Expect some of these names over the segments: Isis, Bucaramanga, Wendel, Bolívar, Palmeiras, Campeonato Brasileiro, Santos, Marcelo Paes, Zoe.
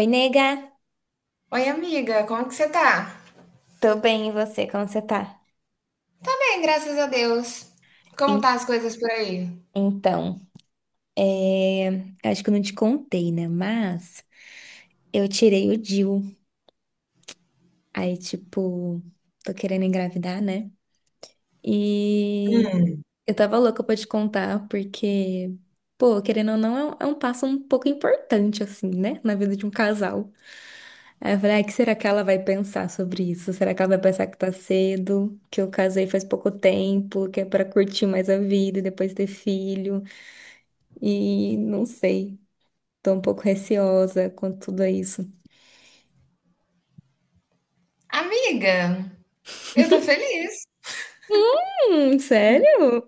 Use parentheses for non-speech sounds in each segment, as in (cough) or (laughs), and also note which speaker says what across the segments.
Speaker 1: Oi, nega.
Speaker 2: Oi, amiga, como que você tá?
Speaker 1: Tô bem, e você? Como você tá?
Speaker 2: Tá bem, graças a Deus. Como
Speaker 1: En-
Speaker 2: tá as coisas por aí?
Speaker 1: Então, é, Acho que eu não te contei, né? Mas eu tirei o DIU. Aí, tipo, tô querendo engravidar, né? E eu tava louca pra te contar, porque, pô, querendo ou não, é um passo um pouco importante, assim, né? Na vida de um casal. Aí eu falei, ah, o que será que ela vai pensar sobre isso? Será que ela vai pensar que tá cedo, que eu casei faz pouco tempo, que é pra curtir mais a vida e depois ter filho? E não sei, tô um pouco receosa com tudo isso.
Speaker 2: Amiga, eu tô feliz.
Speaker 1: Sério?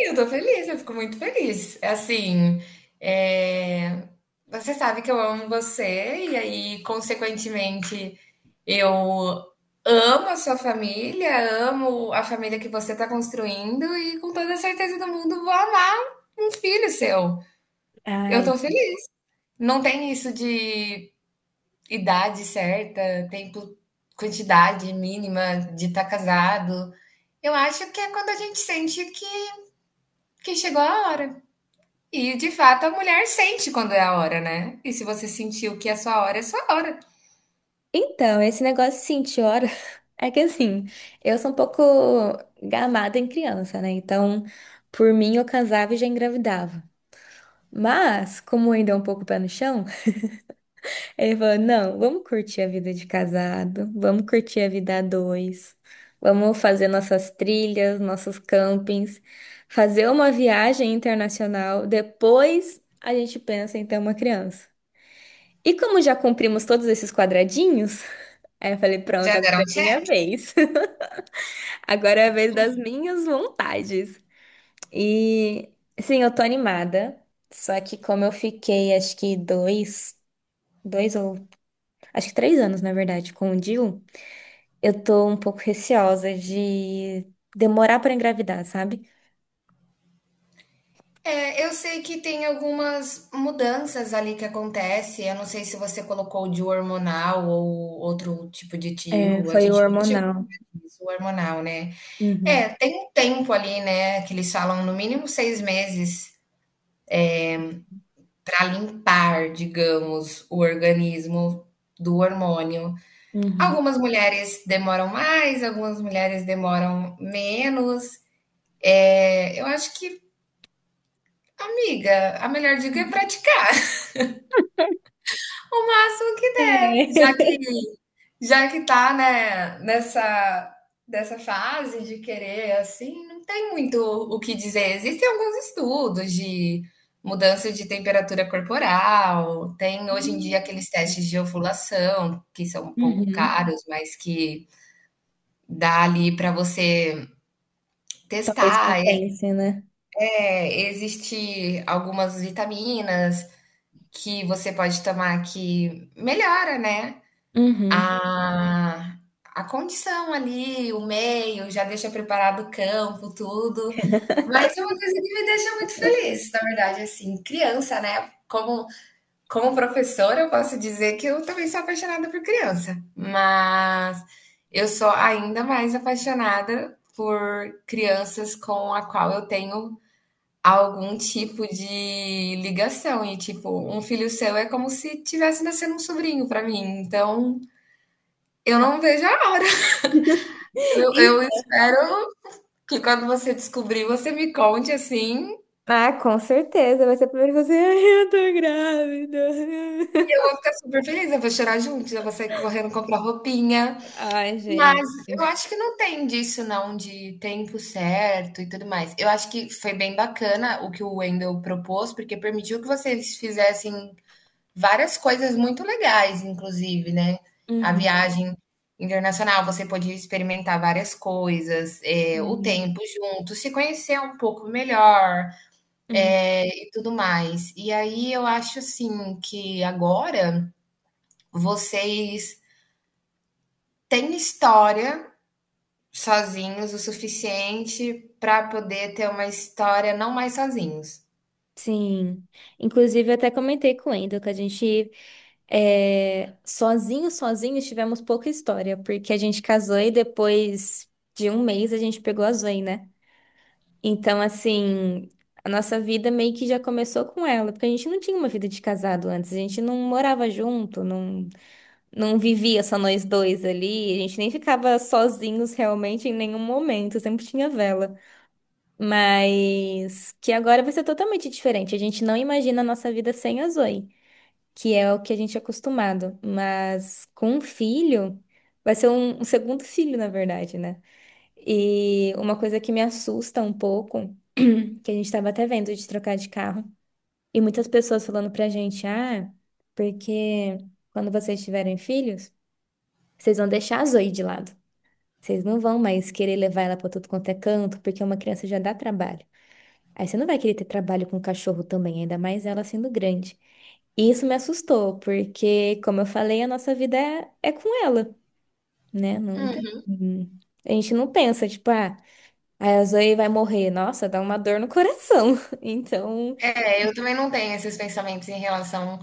Speaker 2: Eu tô feliz, eu fico muito feliz. É. Assim, é, você sabe que eu amo você, e aí, consequentemente, eu amo a sua família, amo a família que você tá construindo, e com toda a certeza do mundo vou amar um filho seu. Eu
Speaker 1: Ai,
Speaker 2: tô feliz. Não tem isso de idade certa, tempo, quantidade mínima de estar casado. Eu acho que é quando a gente sente que chegou a hora. E de fato a mulher sente quando é a hora, né? E se você sentiu que é a sua hora, é a sua hora.
Speaker 1: então, esse negócio assim de sentir hora (laughs) é que assim, eu sou um pouco gamada em criança, né? Então, por mim, eu casava e já engravidava. Mas, como ainda é um pouco pé no chão, ele falou: não, vamos curtir a vida de casado, vamos curtir a vida a dois, vamos fazer nossas trilhas, nossos campings, fazer uma viagem internacional, depois a gente pensa em ter uma criança. E como já cumprimos todos esses quadradinhos, aí eu falei: pronto,
Speaker 2: Já
Speaker 1: agora
Speaker 2: deram
Speaker 1: é
Speaker 2: check?
Speaker 1: minha vez. (laughs) Agora é a vez das minhas vontades. E sim, eu tô animada, só que como eu fiquei, acho que dois, dois ou acho que 3 anos, na verdade, com o Dil. Eu tô um pouco receosa de demorar pra engravidar, sabe?
Speaker 2: É, eu sei que tem algumas mudanças ali que acontece. Eu não sei se você colocou de hormonal ou outro tipo de
Speaker 1: É,
Speaker 2: tio. A
Speaker 1: foi o
Speaker 2: gente nunca chegou
Speaker 1: hormonal.
Speaker 2: a falar disso, o hormonal, né? É,
Speaker 1: Uhum,
Speaker 2: tem um tempo ali, né? Que eles falam no mínimo 6 meses para limpar, digamos, o organismo do hormônio.
Speaker 1: uhum.
Speaker 2: Algumas mulheres demoram mais, algumas mulheres demoram menos. É, eu acho que, amiga, a melhor dica é praticar (laughs) o máximo que der, já
Speaker 1: É.
Speaker 2: que já que tá, né, nessa dessa fase de querer assim, não tem muito o que dizer. Existem alguns estudos de mudança de temperatura corporal, tem hoje em dia aqueles
Speaker 1: (laughs)
Speaker 2: testes de ovulação, que são um pouco
Speaker 1: Uhum.
Speaker 2: caros, mas que dá ali para você
Speaker 1: Talvez
Speaker 2: testar.
Speaker 1: compense, né?
Speaker 2: É, existe algumas vitaminas que você pode tomar que melhora, né,
Speaker 1: Uhum.
Speaker 2: A a condição ali, o meio, já deixa preparado o campo, tudo. Mas é uma coisa que me deixa muito feliz, na verdade, assim, criança, né, como professora, eu posso dizer que eu também sou apaixonada por criança, mas eu sou ainda mais apaixonada por crianças com a qual eu tenho algum tipo de ligação e, tipo, um filho seu é como se tivesse nascendo um sobrinho para mim, então eu não vejo a hora. Eu
Speaker 1: Então.
Speaker 2: espero que quando você descobrir, você me conte, assim,
Speaker 1: Ah, com certeza. Vai ser primeiro você. Ai, eu tô grávida.
Speaker 2: eu vou ficar super feliz, eu vou chorar junto, eu vou sair correndo comprar roupinha.
Speaker 1: (laughs) Ai,
Speaker 2: Mas eu
Speaker 1: gente.
Speaker 2: acho que não tem disso não, de tempo certo e tudo mais. Eu acho que foi bem bacana o que o Wendel propôs, porque permitiu que vocês fizessem várias coisas muito legais, inclusive, né. A
Speaker 1: Uhum.
Speaker 2: viagem internacional, você podia experimentar várias coisas, o
Speaker 1: Uhum.
Speaker 2: tempo junto, se conhecer um pouco melhor,
Speaker 1: Uhum.
Speaker 2: e tudo mais. E aí eu acho, assim, que agora vocês têm história sozinhos o suficiente para poder ter uma história não mais sozinhos.
Speaker 1: Sim. Inclusive, eu até comentei com o Wendel que a gente, é, sozinho, tivemos pouca história, porque a gente casou e depois de 1 mês a gente pegou a Zoe, né? Então, assim, a nossa vida meio que já começou com ela, porque a gente não tinha uma vida de casado antes, a gente não morava junto, não vivia só nós dois ali, a gente nem ficava sozinhos realmente em nenhum momento, sempre tinha vela. Mas que agora vai ser totalmente diferente. A gente não imagina a nossa vida sem a Zoe, que é o que a gente é acostumado. Mas com um filho, vai ser um segundo (laughs) filho, na verdade, né? E uma coisa que me assusta um pouco, que a gente estava até vendo de trocar de carro, e muitas pessoas falando pra gente, ah, porque quando vocês tiverem filhos, vocês vão deixar a Zoe de lado. Vocês não vão mais querer levar ela pra tudo quanto é canto, porque uma criança já dá trabalho. Aí você não vai querer ter trabalho com cachorro também, ainda mais ela sendo grande. E isso me assustou, porque, como eu falei, a nossa vida é com ela, né? Não tem. A gente não pensa, tipo, ah, a Zoe vai morrer. Nossa, dá uma dor no coração. (laughs) Então,
Speaker 2: É, eu também não tenho esses pensamentos em relação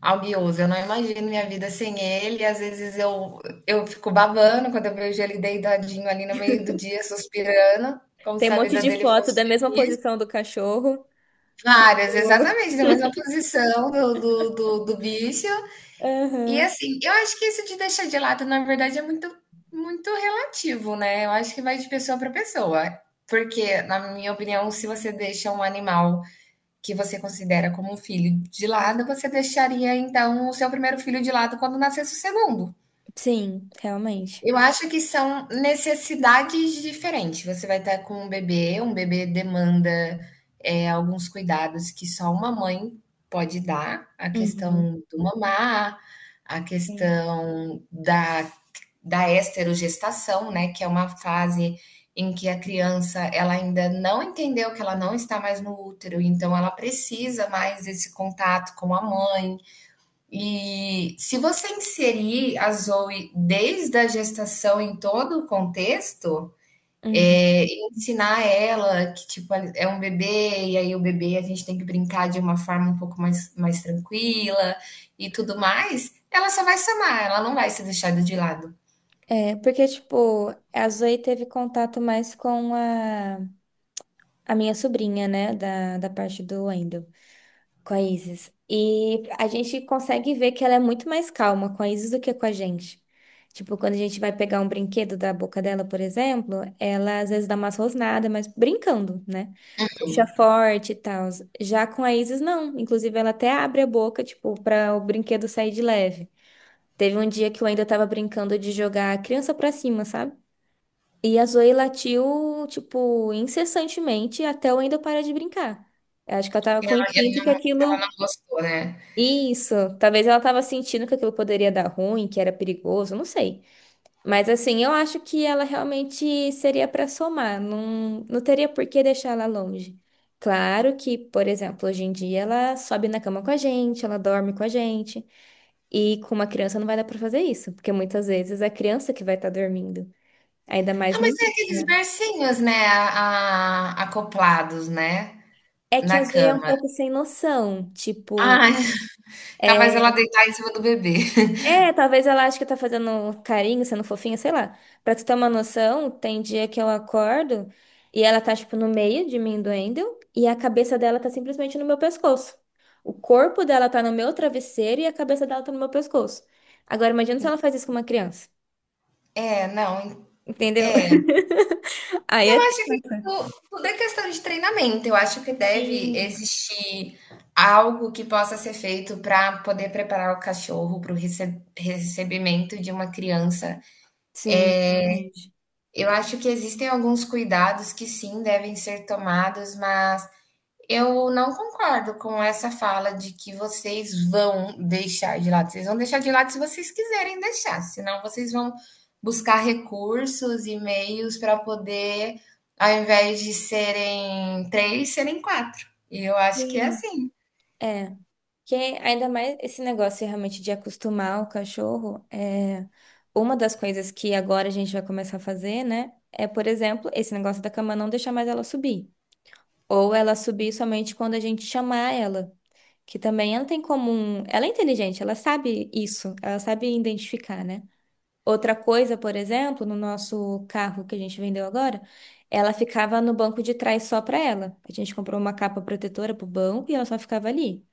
Speaker 2: ao guioso. Eu não imagino minha vida sem ele. Às vezes eu fico babando quando eu vejo ele deitadinho ali no meio do dia, suspirando, como
Speaker 1: tem
Speaker 2: se
Speaker 1: um
Speaker 2: a
Speaker 1: monte
Speaker 2: vida
Speaker 1: de
Speaker 2: dele
Speaker 1: foto
Speaker 2: fosse
Speaker 1: da mesma
Speaker 2: feliz.
Speaker 1: posição do cachorro.
Speaker 2: Várias,
Speaker 1: Tipo,
Speaker 2: exatamente, na mesma posição do bicho.
Speaker 1: (laughs)
Speaker 2: E
Speaker 1: aham.
Speaker 2: assim, eu acho que isso de deixar de lado, na verdade, é muito, muito relativo, né? Eu acho que vai de pessoa para pessoa. Porque, na minha opinião, se você deixa um animal que você considera como um filho de lado, você deixaria então o seu primeiro filho de lado quando nascesse o segundo.
Speaker 1: Sim, realmente.
Speaker 2: Eu acho que são necessidades diferentes. Você vai estar com um bebê demanda, alguns cuidados que só uma mãe pode dar, a
Speaker 1: Uhum.
Speaker 2: questão do mamar, a
Speaker 1: Sim.
Speaker 2: questão da esterogestação, né, que é uma fase em que a criança, ela ainda não entendeu que ela não está mais no útero, então ela precisa mais desse contato com a mãe. E se você inserir a Zoe desde a gestação em todo o contexto,
Speaker 1: Uhum.
Speaker 2: é, ensinar ela que tipo é um bebê e aí o bebê a gente tem que brincar de uma forma um pouco mais, mais tranquila e tudo mais, ela só vai se amar, ela não vai ser deixada de lado.
Speaker 1: É, porque, tipo, a Zoe teve contato mais com a. A minha sobrinha, né, da parte do Wendel, com a Isis. E a gente consegue ver que ela é muito mais calma com a Isis do que com a gente. Tipo, quando a gente vai pegar um brinquedo da boca dela, por exemplo, ela às vezes dá umas rosnadas, mas brincando, né? Puxa forte e tal. Já com a Isis, não. Inclusive, ela até abre a boca, tipo, para o brinquedo sair de leve. Teve um dia que o Wendel tava brincando de jogar a criança pra cima, sabe? E a Zoe latiu, tipo, incessantemente até eu ainda parar de brincar. Eu acho que ela tava
Speaker 2: Ela,
Speaker 1: com instinto
Speaker 2: ela
Speaker 1: que
Speaker 2: não, ela
Speaker 1: aquilo.
Speaker 2: não gostou, né?
Speaker 1: Isso. Talvez ela tava sentindo que aquilo poderia dar ruim, que era perigoso, não sei. Mas assim, eu acho que ela realmente seria pra somar. Não, teria por que deixar ela longe. Claro que, por exemplo, hoje em dia ela sobe na cama com a gente, ela dorme com a gente. E com uma criança não vai dar pra fazer isso, porque muitas vezes é a criança que vai estar dormindo. Ainda mais
Speaker 2: Ah,
Speaker 1: no
Speaker 2: mas é
Speaker 1: início.
Speaker 2: aqueles
Speaker 1: Né?
Speaker 2: bercinhos, né, acoplados, né,
Speaker 1: É que a
Speaker 2: na
Speaker 1: Zoe é um
Speaker 2: cama.
Speaker 1: pouco sem noção. Tipo,
Speaker 2: Ah, capaz ela
Speaker 1: é,
Speaker 2: deitar em cima do bebê.
Speaker 1: talvez ela ache que tá fazendo carinho, sendo fofinha, sei lá. Pra tu ter uma noção, tem dia que eu acordo e ela tá, tipo, no meio de mim, do Wendel, e a cabeça dela tá simplesmente no meu pescoço. O corpo dela tá no meu travesseiro e a cabeça dela tá no meu pescoço. Agora, imagina se ela faz
Speaker 2: (laughs)
Speaker 1: isso com uma criança.
Speaker 2: É, não,
Speaker 1: Entendeu? (laughs) Aí é.
Speaker 2: acho que
Speaker 1: Nossa.
Speaker 2: tudo, tudo é questão de treinamento. Eu acho que deve
Speaker 1: Sim,
Speaker 2: existir algo que possa ser feito para poder preparar o cachorro para o recebimento de uma criança.
Speaker 1: sim, realmente.
Speaker 2: Eu acho que existem alguns cuidados que sim devem ser tomados, mas eu não concordo com essa fala de que vocês vão deixar de lado. Vocês vão deixar de lado se vocês quiserem deixar, senão vocês vão buscar recursos e meios para poder, ao invés de serem três, serem quatro. E eu acho que é
Speaker 1: Sim.
Speaker 2: assim.
Speaker 1: É. Que ainda mais esse negócio realmente de acostumar o cachorro, é uma das coisas que agora a gente vai começar a fazer, né? É, por exemplo, esse negócio da cama não deixar mais ela subir. Ou ela subir somente quando a gente chamar ela. Que também ela tem comum. Ela é inteligente, ela sabe isso, ela sabe identificar, né? Outra coisa, por exemplo, no nosso carro que a gente vendeu agora, ela ficava no banco de trás só pra ela. A gente comprou uma capa protetora pro banco e ela só ficava ali.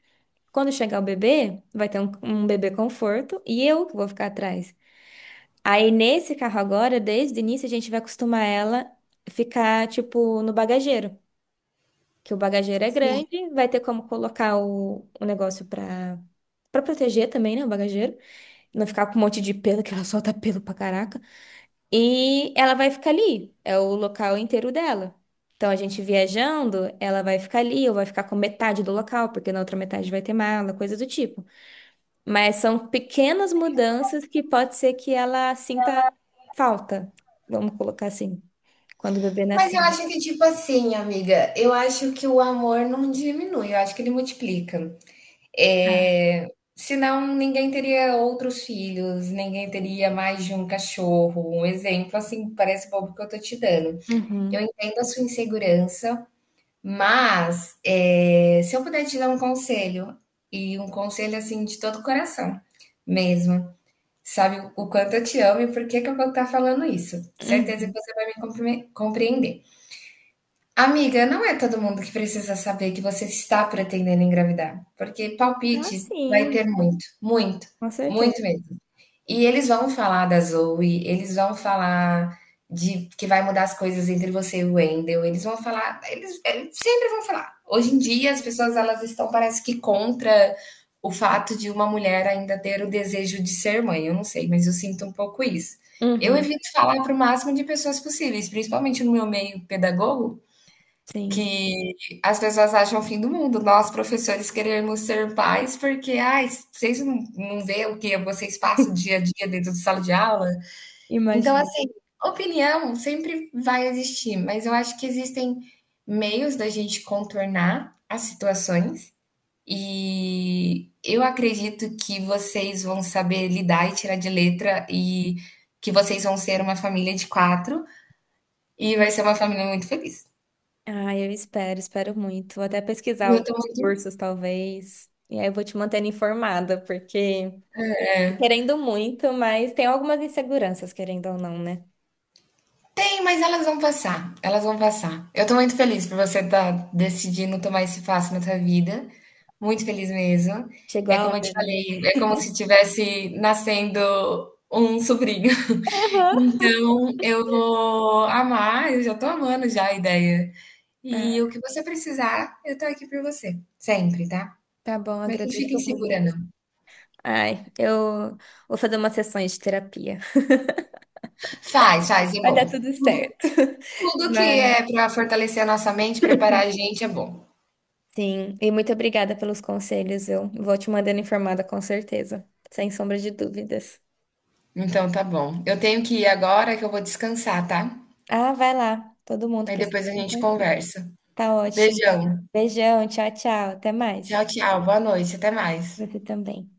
Speaker 1: Quando chegar o bebê, vai ter um bebê conforto e eu que vou ficar atrás. Aí nesse carro agora, desde o início, a gente vai acostumar ela ficar, tipo, no bagageiro. Que o bagageiro é
Speaker 2: Sim.
Speaker 1: grande, vai ter como colocar o negócio pra, pra proteger também, né? O bagageiro. Não ficar com um monte de pelo, que ela solta pelo pra caraca. E ela vai ficar ali. É o local inteiro dela. Então, a gente viajando, ela vai ficar ali, ou vai ficar com metade do local, porque na outra metade vai ter mala, coisa do tipo. Mas são pequenas mudanças que pode ser que ela sinta falta, vamos colocar assim, quando o bebê
Speaker 2: Mas eu
Speaker 1: nascer.
Speaker 2: acho que, tipo assim, amiga, eu acho que o amor não diminui, eu acho que ele multiplica.
Speaker 1: Ah.
Speaker 2: Eh, senão ninguém teria outros filhos, ninguém teria mais de um cachorro. Um exemplo, assim, parece bobo que eu tô te dando. Eu
Speaker 1: Uhum,
Speaker 2: entendo a sua insegurança, mas se eu puder te dar um conselho, e um conselho assim de todo o coração mesmo. Sabe o quanto eu te amo e por que que eu vou estar falando isso? Certeza que
Speaker 1: uhum.
Speaker 2: você vai me compreender. Amiga, não é todo mundo que precisa saber que você está pretendendo engravidar, porque
Speaker 1: Ah,
Speaker 2: palpite vai
Speaker 1: sim,
Speaker 2: ter muito, muito,
Speaker 1: com certeza.
Speaker 2: muito mesmo. E eles vão falar da Zoe, eles vão falar de que vai mudar as coisas entre você e o Wendell, eles vão falar, eles sempre vão falar. Hoje em dia as pessoas elas estão parece que contra o fato de uma mulher ainda ter o desejo de ser mãe. Eu não sei, mas eu sinto um pouco isso. Eu
Speaker 1: Uhum,
Speaker 2: evito falar para o máximo de pessoas possíveis, principalmente no meu meio pedagogo.
Speaker 1: sim,
Speaker 2: Que as pessoas acham o fim do mundo. Nós, professores, queremos ser pais porque, ai, vocês não vê o que vocês passam dia
Speaker 1: (laughs)
Speaker 2: a dia dentro de sala de aula? Então,
Speaker 1: imagino.
Speaker 2: assim, opinião sempre vai existir, mas eu acho que existem meios da gente contornar as situações e eu acredito que vocês vão saber lidar e tirar de letra e que vocês vão ser uma família de 4 e vai ser uma família muito feliz.
Speaker 1: Ah, eu espero, espero muito. Vou até
Speaker 2: E
Speaker 1: pesquisar
Speaker 2: eu estou
Speaker 1: alguns
Speaker 2: muito.
Speaker 1: cursos, talvez. E aí eu vou te mantendo informada, porque tô querendo muito, mas tem algumas inseguranças, querendo ou não, né?
Speaker 2: Sim, mas elas vão passar, elas vão passar. Eu tô muito feliz por você estar decidindo tomar esse passo na sua vida. Muito feliz mesmo.
Speaker 1: Chegou
Speaker 2: É
Speaker 1: a
Speaker 2: como eu te
Speaker 1: hora, né?
Speaker 2: falei, é como se
Speaker 1: (laughs)
Speaker 2: tivesse nascendo um sobrinho. (laughs)
Speaker 1: Aham.
Speaker 2: Então, eu vou amar, eu já tô amando já a ideia. E
Speaker 1: Ah,
Speaker 2: o que você precisar, eu tô aqui por você, sempre, tá?
Speaker 1: tá bom,
Speaker 2: Mas não
Speaker 1: agradeço
Speaker 2: fica insegura, não.
Speaker 1: muito. Ai, eu vou fazer umas sessões de terapia.
Speaker 2: Faz, faz,
Speaker 1: (laughs)
Speaker 2: é
Speaker 1: Vai dar
Speaker 2: bom.
Speaker 1: tudo certo. (laughs)
Speaker 2: Tudo que
Speaker 1: Mas,
Speaker 2: é pra fortalecer a nossa mente, preparar a gente é bom.
Speaker 1: sim, e muito obrigada pelos conselhos. Eu vou te mandando informada com certeza, sem sombra de dúvidas.
Speaker 2: Então tá bom. Eu tenho que ir agora que eu vou descansar, tá?
Speaker 1: Ah, vai lá. Todo mundo
Speaker 2: Aí
Speaker 1: precisa.
Speaker 2: depois a
Speaker 1: De um
Speaker 2: gente
Speaker 1: conselho.
Speaker 2: conversa.
Speaker 1: Tá ótimo.
Speaker 2: Beijão.
Speaker 1: Beijão, tchau, tchau. Até mais.
Speaker 2: Tchau, tchau. Boa noite. Até mais.
Speaker 1: Você também.